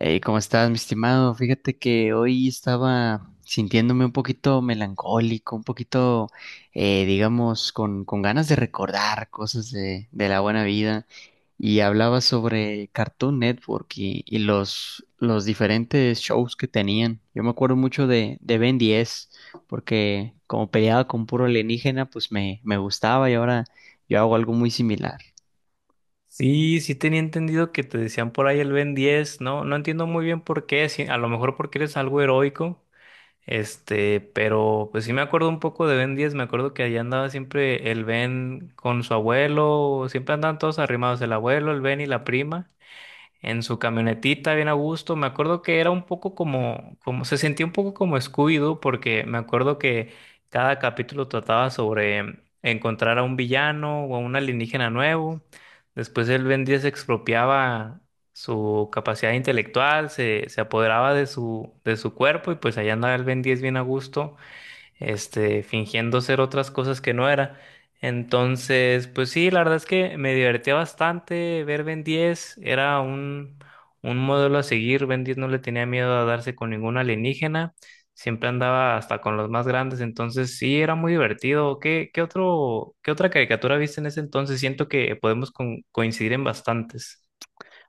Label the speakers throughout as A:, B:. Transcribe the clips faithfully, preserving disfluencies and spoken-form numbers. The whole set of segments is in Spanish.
A: Hey, ¿cómo estás, mi estimado? Fíjate que hoy estaba sintiéndome un poquito melancólico, un poquito, eh, digamos, con, con ganas de recordar cosas de, de la buena vida. Y hablaba sobre Cartoon Network y, y los, los diferentes shows que tenían. Yo me acuerdo mucho de, de Ben diez, porque como peleaba con puro alienígena, pues me, me gustaba y ahora yo hago algo muy similar.
B: Sí, sí tenía entendido que te decían por ahí el Ben diez, ¿no? No entiendo muy bien por qué, sí, a lo mejor porque eres algo heroico, este, pero pues sí me acuerdo un poco de Ben diez. Me acuerdo que allá andaba siempre el Ben con su abuelo, siempre andaban todos arrimados, el abuelo, el Ben y la prima, en su camionetita bien a gusto. Me acuerdo que era un poco como, como se sentía un poco como Scooby-Doo, porque me acuerdo que cada capítulo trataba sobre encontrar a un villano o a un alienígena nuevo. Después el Ben diez expropiaba su capacidad intelectual, se, se apoderaba de su, de su cuerpo, y pues allá andaba el Ben diez bien a gusto, este, fingiendo ser otras cosas que no era. Entonces, pues sí, la verdad es que me divertía bastante ver Ben diez. Era un, un modelo a seguir. Ben diez no le tenía miedo a darse con ningún alienígena, siempre andaba hasta con los más grandes. Entonces sí, era muy divertido. ¿Qué, qué otro, Qué otra caricatura viste en ese entonces? Siento que podemos con- coincidir en bastantes.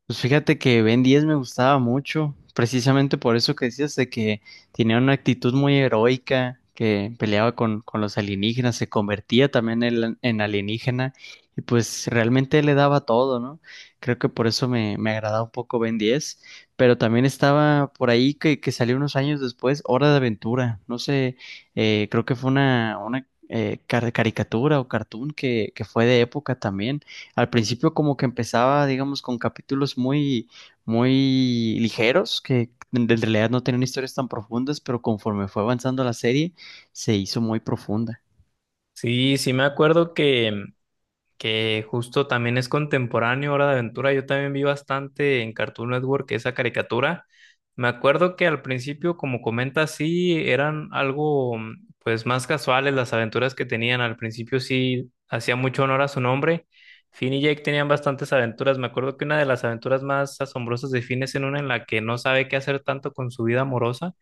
A: Pues fíjate que Ben diez me gustaba mucho, precisamente por eso que decías de que tenía una actitud muy heroica, que peleaba con, con los alienígenas, se convertía también en, en alienígena y pues realmente le daba todo, ¿no? Creo que por eso me, me agradaba un poco Ben diez, pero también estaba por ahí que, que salió unos años después, Hora de Aventura, no sé, eh, creo que fue una, una eh, car- caricatura o cartoon que, que fue de época también. Al principio como que empezaba, digamos, con capítulos muy, muy ligeros, que en en realidad no tenían historias tan profundas, pero conforme fue avanzando la serie, se hizo muy profunda.
B: Sí, sí me acuerdo que que justo también es contemporáneo, Hora de Aventura. Yo también vi bastante en Cartoon Network esa caricatura. Me acuerdo que al principio, como comentas, sí eran algo pues más casuales las aventuras que tenían. Al principio sí hacía mucho honor a su nombre. Finn y Jake tenían bastantes aventuras. Me acuerdo que una de las aventuras más asombrosas de Finn es en una en la que no sabe qué hacer tanto con su vida amorosa,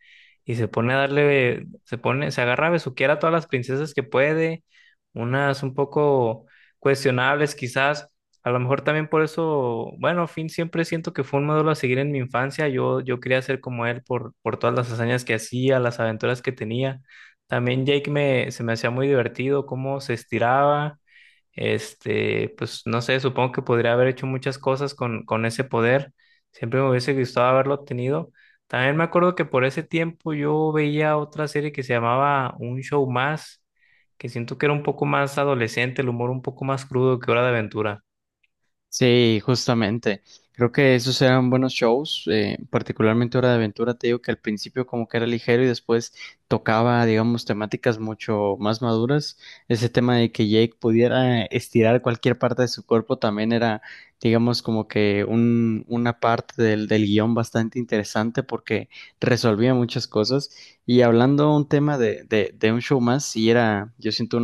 B: y se pone a darle, se pone, se agarra a besuquear a todas las princesas que puede, unas un poco cuestionables quizás. A lo mejor también por eso, bueno, Finn siempre siento que fue un modelo a seguir en mi infancia. Yo, yo quería ser como él por, por todas las hazañas que hacía, las aventuras que tenía. También Jake me, se me hacía muy divertido cómo se estiraba. Este, pues no sé, supongo que podría haber hecho muchas cosas con, con ese poder. Siempre me hubiese gustado haberlo tenido. También me acuerdo que por ese tiempo yo veía otra serie que se llamaba Un Show Más, que siento que era un poco más adolescente, el humor un poco más crudo que Hora de Aventura.
A: Sí, justamente. Creo que esos eran buenos shows, eh, particularmente Hora de Aventura. Te digo que al principio como que era ligero y después tocaba, digamos, temáticas mucho más maduras. Ese tema de que Jake pudiera estirar cualquier parte de su cuerpo también era, digamos, como que un, una parte del, del guión bastante interesante porque resolvía muchas cosas. Y hablando un tema de, de, de un show más, sí era, yo siento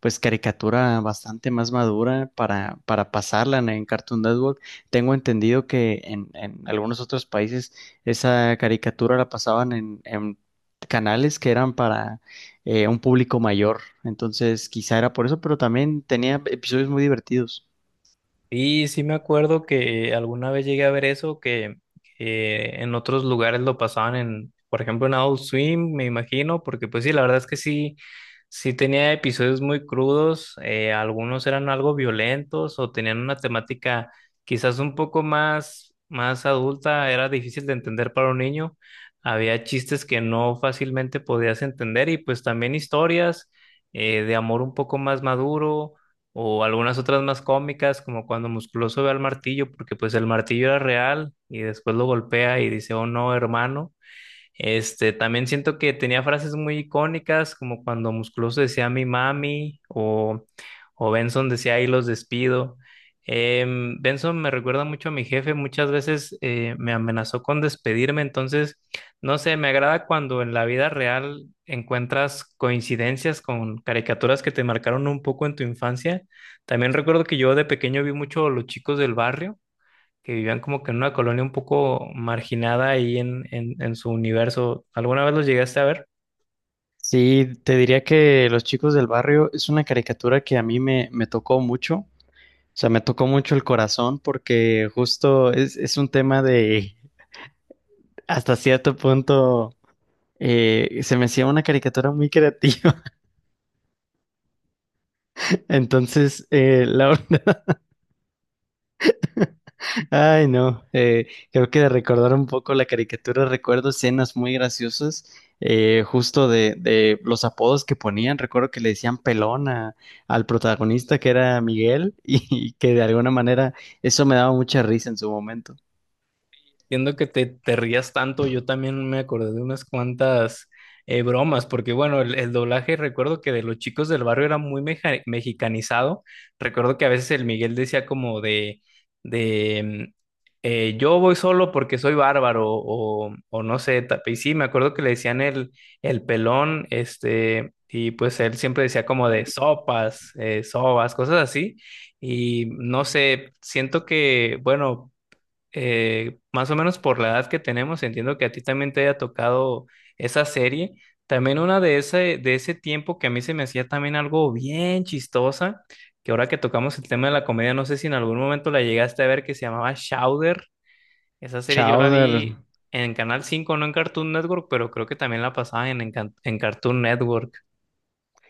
A: pues caricatura bastante más madura para, para pasarla en, en Cartoon Network. Tengo entendido que en, en algunos otros países esa caricatura la pasaban en, en canales que eran para eh, un público mayor. Entonces, quizá era por eso, pero también tenía episodios muy divertidos.
B: Y sí me acuerdo que alguna vez llegué a ver eso, que, que en otros lugares lo pasaban en, por ejemplo, en Adult Swim, me imagino, porque pues sí, la verdad es que sí, sí tenía episodios muy crudos. Eh, algunos eran algo violentos o tenían una temática quizás un poco más, más adulta, era difícil de entender para un niño. Había chistes que no fácilmente podías entender, y pues también historias eh, de amor un poco más maduro, o algunas otras más cómicas, como cuando Musculoso ve al martillo, porque pues el martillo era real y después lo golpea y dice: oh no, hermano. Este, también siento que tenía frases muy icónicas, como cuando Musculoso decía mi mami, o, o Benson decía ahí los despido. Em, Benson me recuerda mucho a mi jefe, muchas veces eh, me amenazó con despedirme. Entonces, no sé, me agrada cuando en la vida real encuentras coincidencias con caricaturas que te marcaron un poco en tu infancia. También recuerdo que yo de pequeño vi mucho Los Chicos del Barrio, que vivían como que en una colonia un poco marginada ahí en, en, en su universo. ¿Alguna vez los llegaste a ver?
A: Sí, te diría que Los Chicos del Barrio es una caricatura que a mí me, me tocó mucho. O sea, me tocó mucho el corazón porque justo es, es un tema de hasta cierto punto eh, se me hacía una caricatura muy creativa. Entonces, eh, la verdad- ay no, eh, creo que de recordar un poco la caricatura recuerdo escenas muy graciosas, eh, justo de, de los apodos que ponían. Recuerdo que le decían pelón a- al protagonista que era Miguel y, que de alguna manera eso me daba mucha risa en su momento.
B: Entiendo que te, te rías tanto, yo también me acordé de unas cuantas eh, bromas, porque bueno, el, el doblaje recuerdo que de Los Chicos del Barrio era muy meja- mexicanizado. Recuerdo que a veces el Miguel decía como de, de mm, eh, yo voy solo porque soy bárbaro, o, o no sé, ta- y sí, me acuerdo que le decían el, el pelón. Este, y pues él siempre decía como de sopas, eh, sobas, cosas así. Y no sé, siento que, bueno, eh, más o menos por la edad que tenemos, entiendo que a ti también te haya tocado esa serie. También una de ese, de ese tiempo que a mí se me hacía también algo bien chistosa, que ahora que tocamos el tema de la comedia, no sé si en algún momento la llegaste a ver, que se llamaba Chowder. Esa serie yo la
A: Chowder,
B: vi en Canal cinco, no en Cartoon Network, pero creo que también la pasaban en, en Can- en Cartoon Network.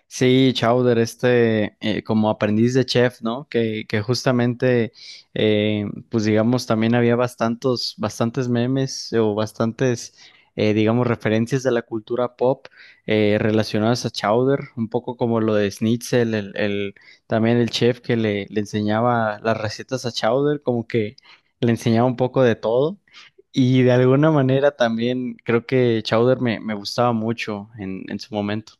A: sí, Chowder, este, eh, como aprendiz de chef, ¿no? Que, que justamente, eh, pues digamos, también había bastantes, bastantes memes o bastantes, eh, digamos, referencias de la cultura pop eh, relacionadas a Chowder, un poco como lo de Schnitzel, el, el- también el chef que le, le enseñaba las recetas a Chowder, como que le enseñaba un poco de todo. Y de alguna manera también creo que Chowder me, me gustaba mucho en, en su momento.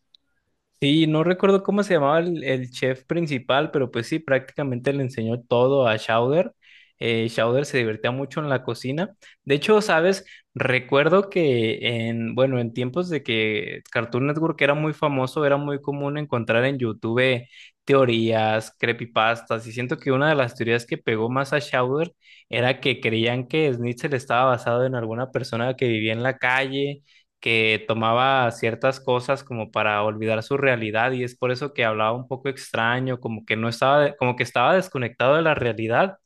B: Sí, no recuerdo cómo se llamaba el, el chef principal, pero pues sí, prácticamente le enseñó todo a Chowder. Eh, Chowder se divertía mucho en la cocina. De hecho, sabes, recuerdo que en, bueno, en tiempos de que Cartoon Network era muy famoso, era muy común encontrar en YouTube teorías, creepypastas, y siento que una de las teorías que pegó más a Chowder era que creían que Snitzel estaba basado en alguna persona que vivía en la calle, que tomaba ciertas cosas como para olvidar su realidad, y es por eso que hablaba un poco extraño, como que no estaba, como que estaba desconectado de la realidad.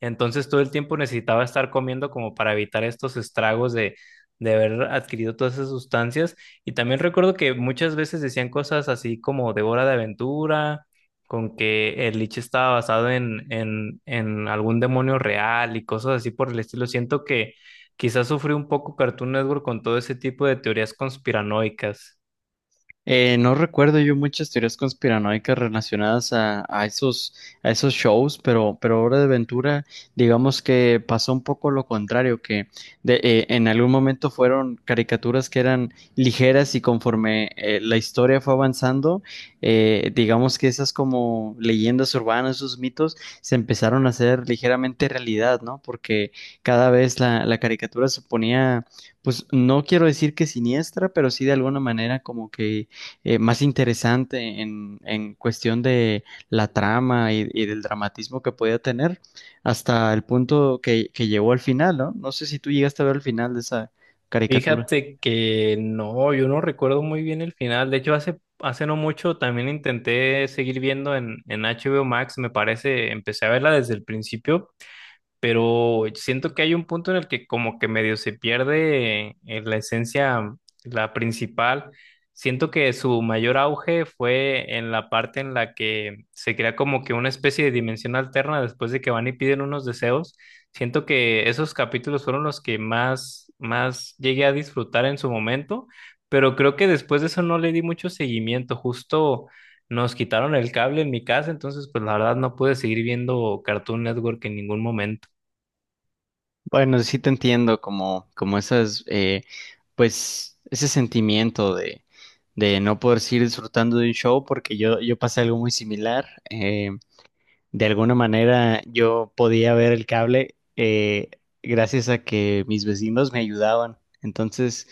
B: Entonces todo el tiempo necesitaba estar comiendo como para evitar estos estragos de, de haber adquirido todas esas sustancias. Y también recuerdo que muchas veces decían cosas así como de Hora de Aventura, con que el lich estaba basado en, en, en algún demonio real, y cosas así por el estilo. Siento que quizás sufrí un poco Cartoon Network con todo ese tipo de teorías conspiranoicas.
A: Eh, no recuerdo yo muchas teorías conspiranoicas relacionadas a, a esos, a esos shows, pero, pero Hora de Aventura, digamos que pasó un poco lo contrario, que de- eh, en algún momento fueron caricaturas que eran ligeras y conforme eh, la historia fue avanzando, eh, digamos que esas como leyendas urbanas, esos mitos, se empezaron a hacer ligeramente realidad, ¿no? Porque cada vez la, la caricatura se ponía, pues no quiero decir que siniestra, pero sí de alguna manera como que eh, más interesante en, en cuestión de la trama y, y del dramatismo que podía tener hasta el punto que, que llegó al final, ¿no? No sé si tú llegaste a ver el final de esa caricatura.
B: Fíjate que no, yo no recuerdo muy bien el final. De hecho, hace, hace no mucho también intenté seguir viendo en, en H B O Max, me parece, empecé a verla desde el principio, pero siento que hay un punto en el que como que medio se pierde eh, la esencia, la principal. Siento que su mayor auge fue en la parte en la que se crea como que una especie de dimensión alterna después de que van y piden unos deseos. Siento que esos capítulos fueron los que más, más llegué a disfrutar en su momento, pero creo que después de eso no le di mucho seguimiento. Justo nos quitaron el cable en mi casa, entonces pues la verdad no pude seguir viendo Cartoon Network en ningún momento.
A: Bueno, sí te entiendo como, como esas, eh, pues, ese sentimiento de, de no poder seguir disfrutando de un show porque yo, yo pasé algo muy similar. Eh, de alguna manera yo podía ver el cable eh, gracias a que mis vecinos me ayudaban. Entonces,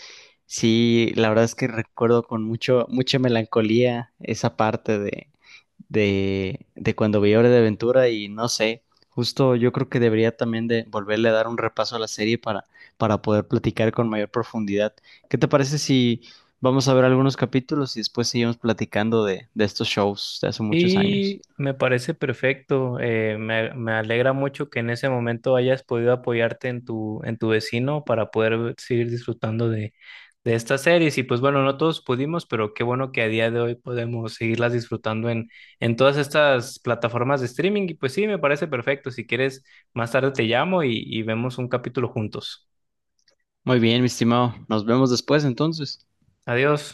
A: sí, la verdad es que recuerdo con mucho, mucha melancolía esa parte de, de, de cuando vi Hora de Aventura y no sé, justo yo creo que debería también de volverle a dar un repaso a la serie para, para poder platicar con mayor profundidad. ¿Qué te parece si vamos a ver algunos capítulos y después seguimos platicando de, de estos shows de hace muchos años?
B: Y me parece perfecto. Eh, me, me alegra mucho que en ese momento hayas podido apoyarte en tu, en tu vecino para poder ver- seguir disfrutando de de estas series. Y pues bueno, no todos pudimos, pero qué bueno que a día de hoy podemos seguirlas disfrutando en, en todas estas plataformas de streaming. Y pues sí, me parece perfecto. Si quieres, más tarde te llamo, y, y vemos un capítulo juntos.
A: Muy bien, mi estimado. Nos vemos después entonces.
B: Adiós.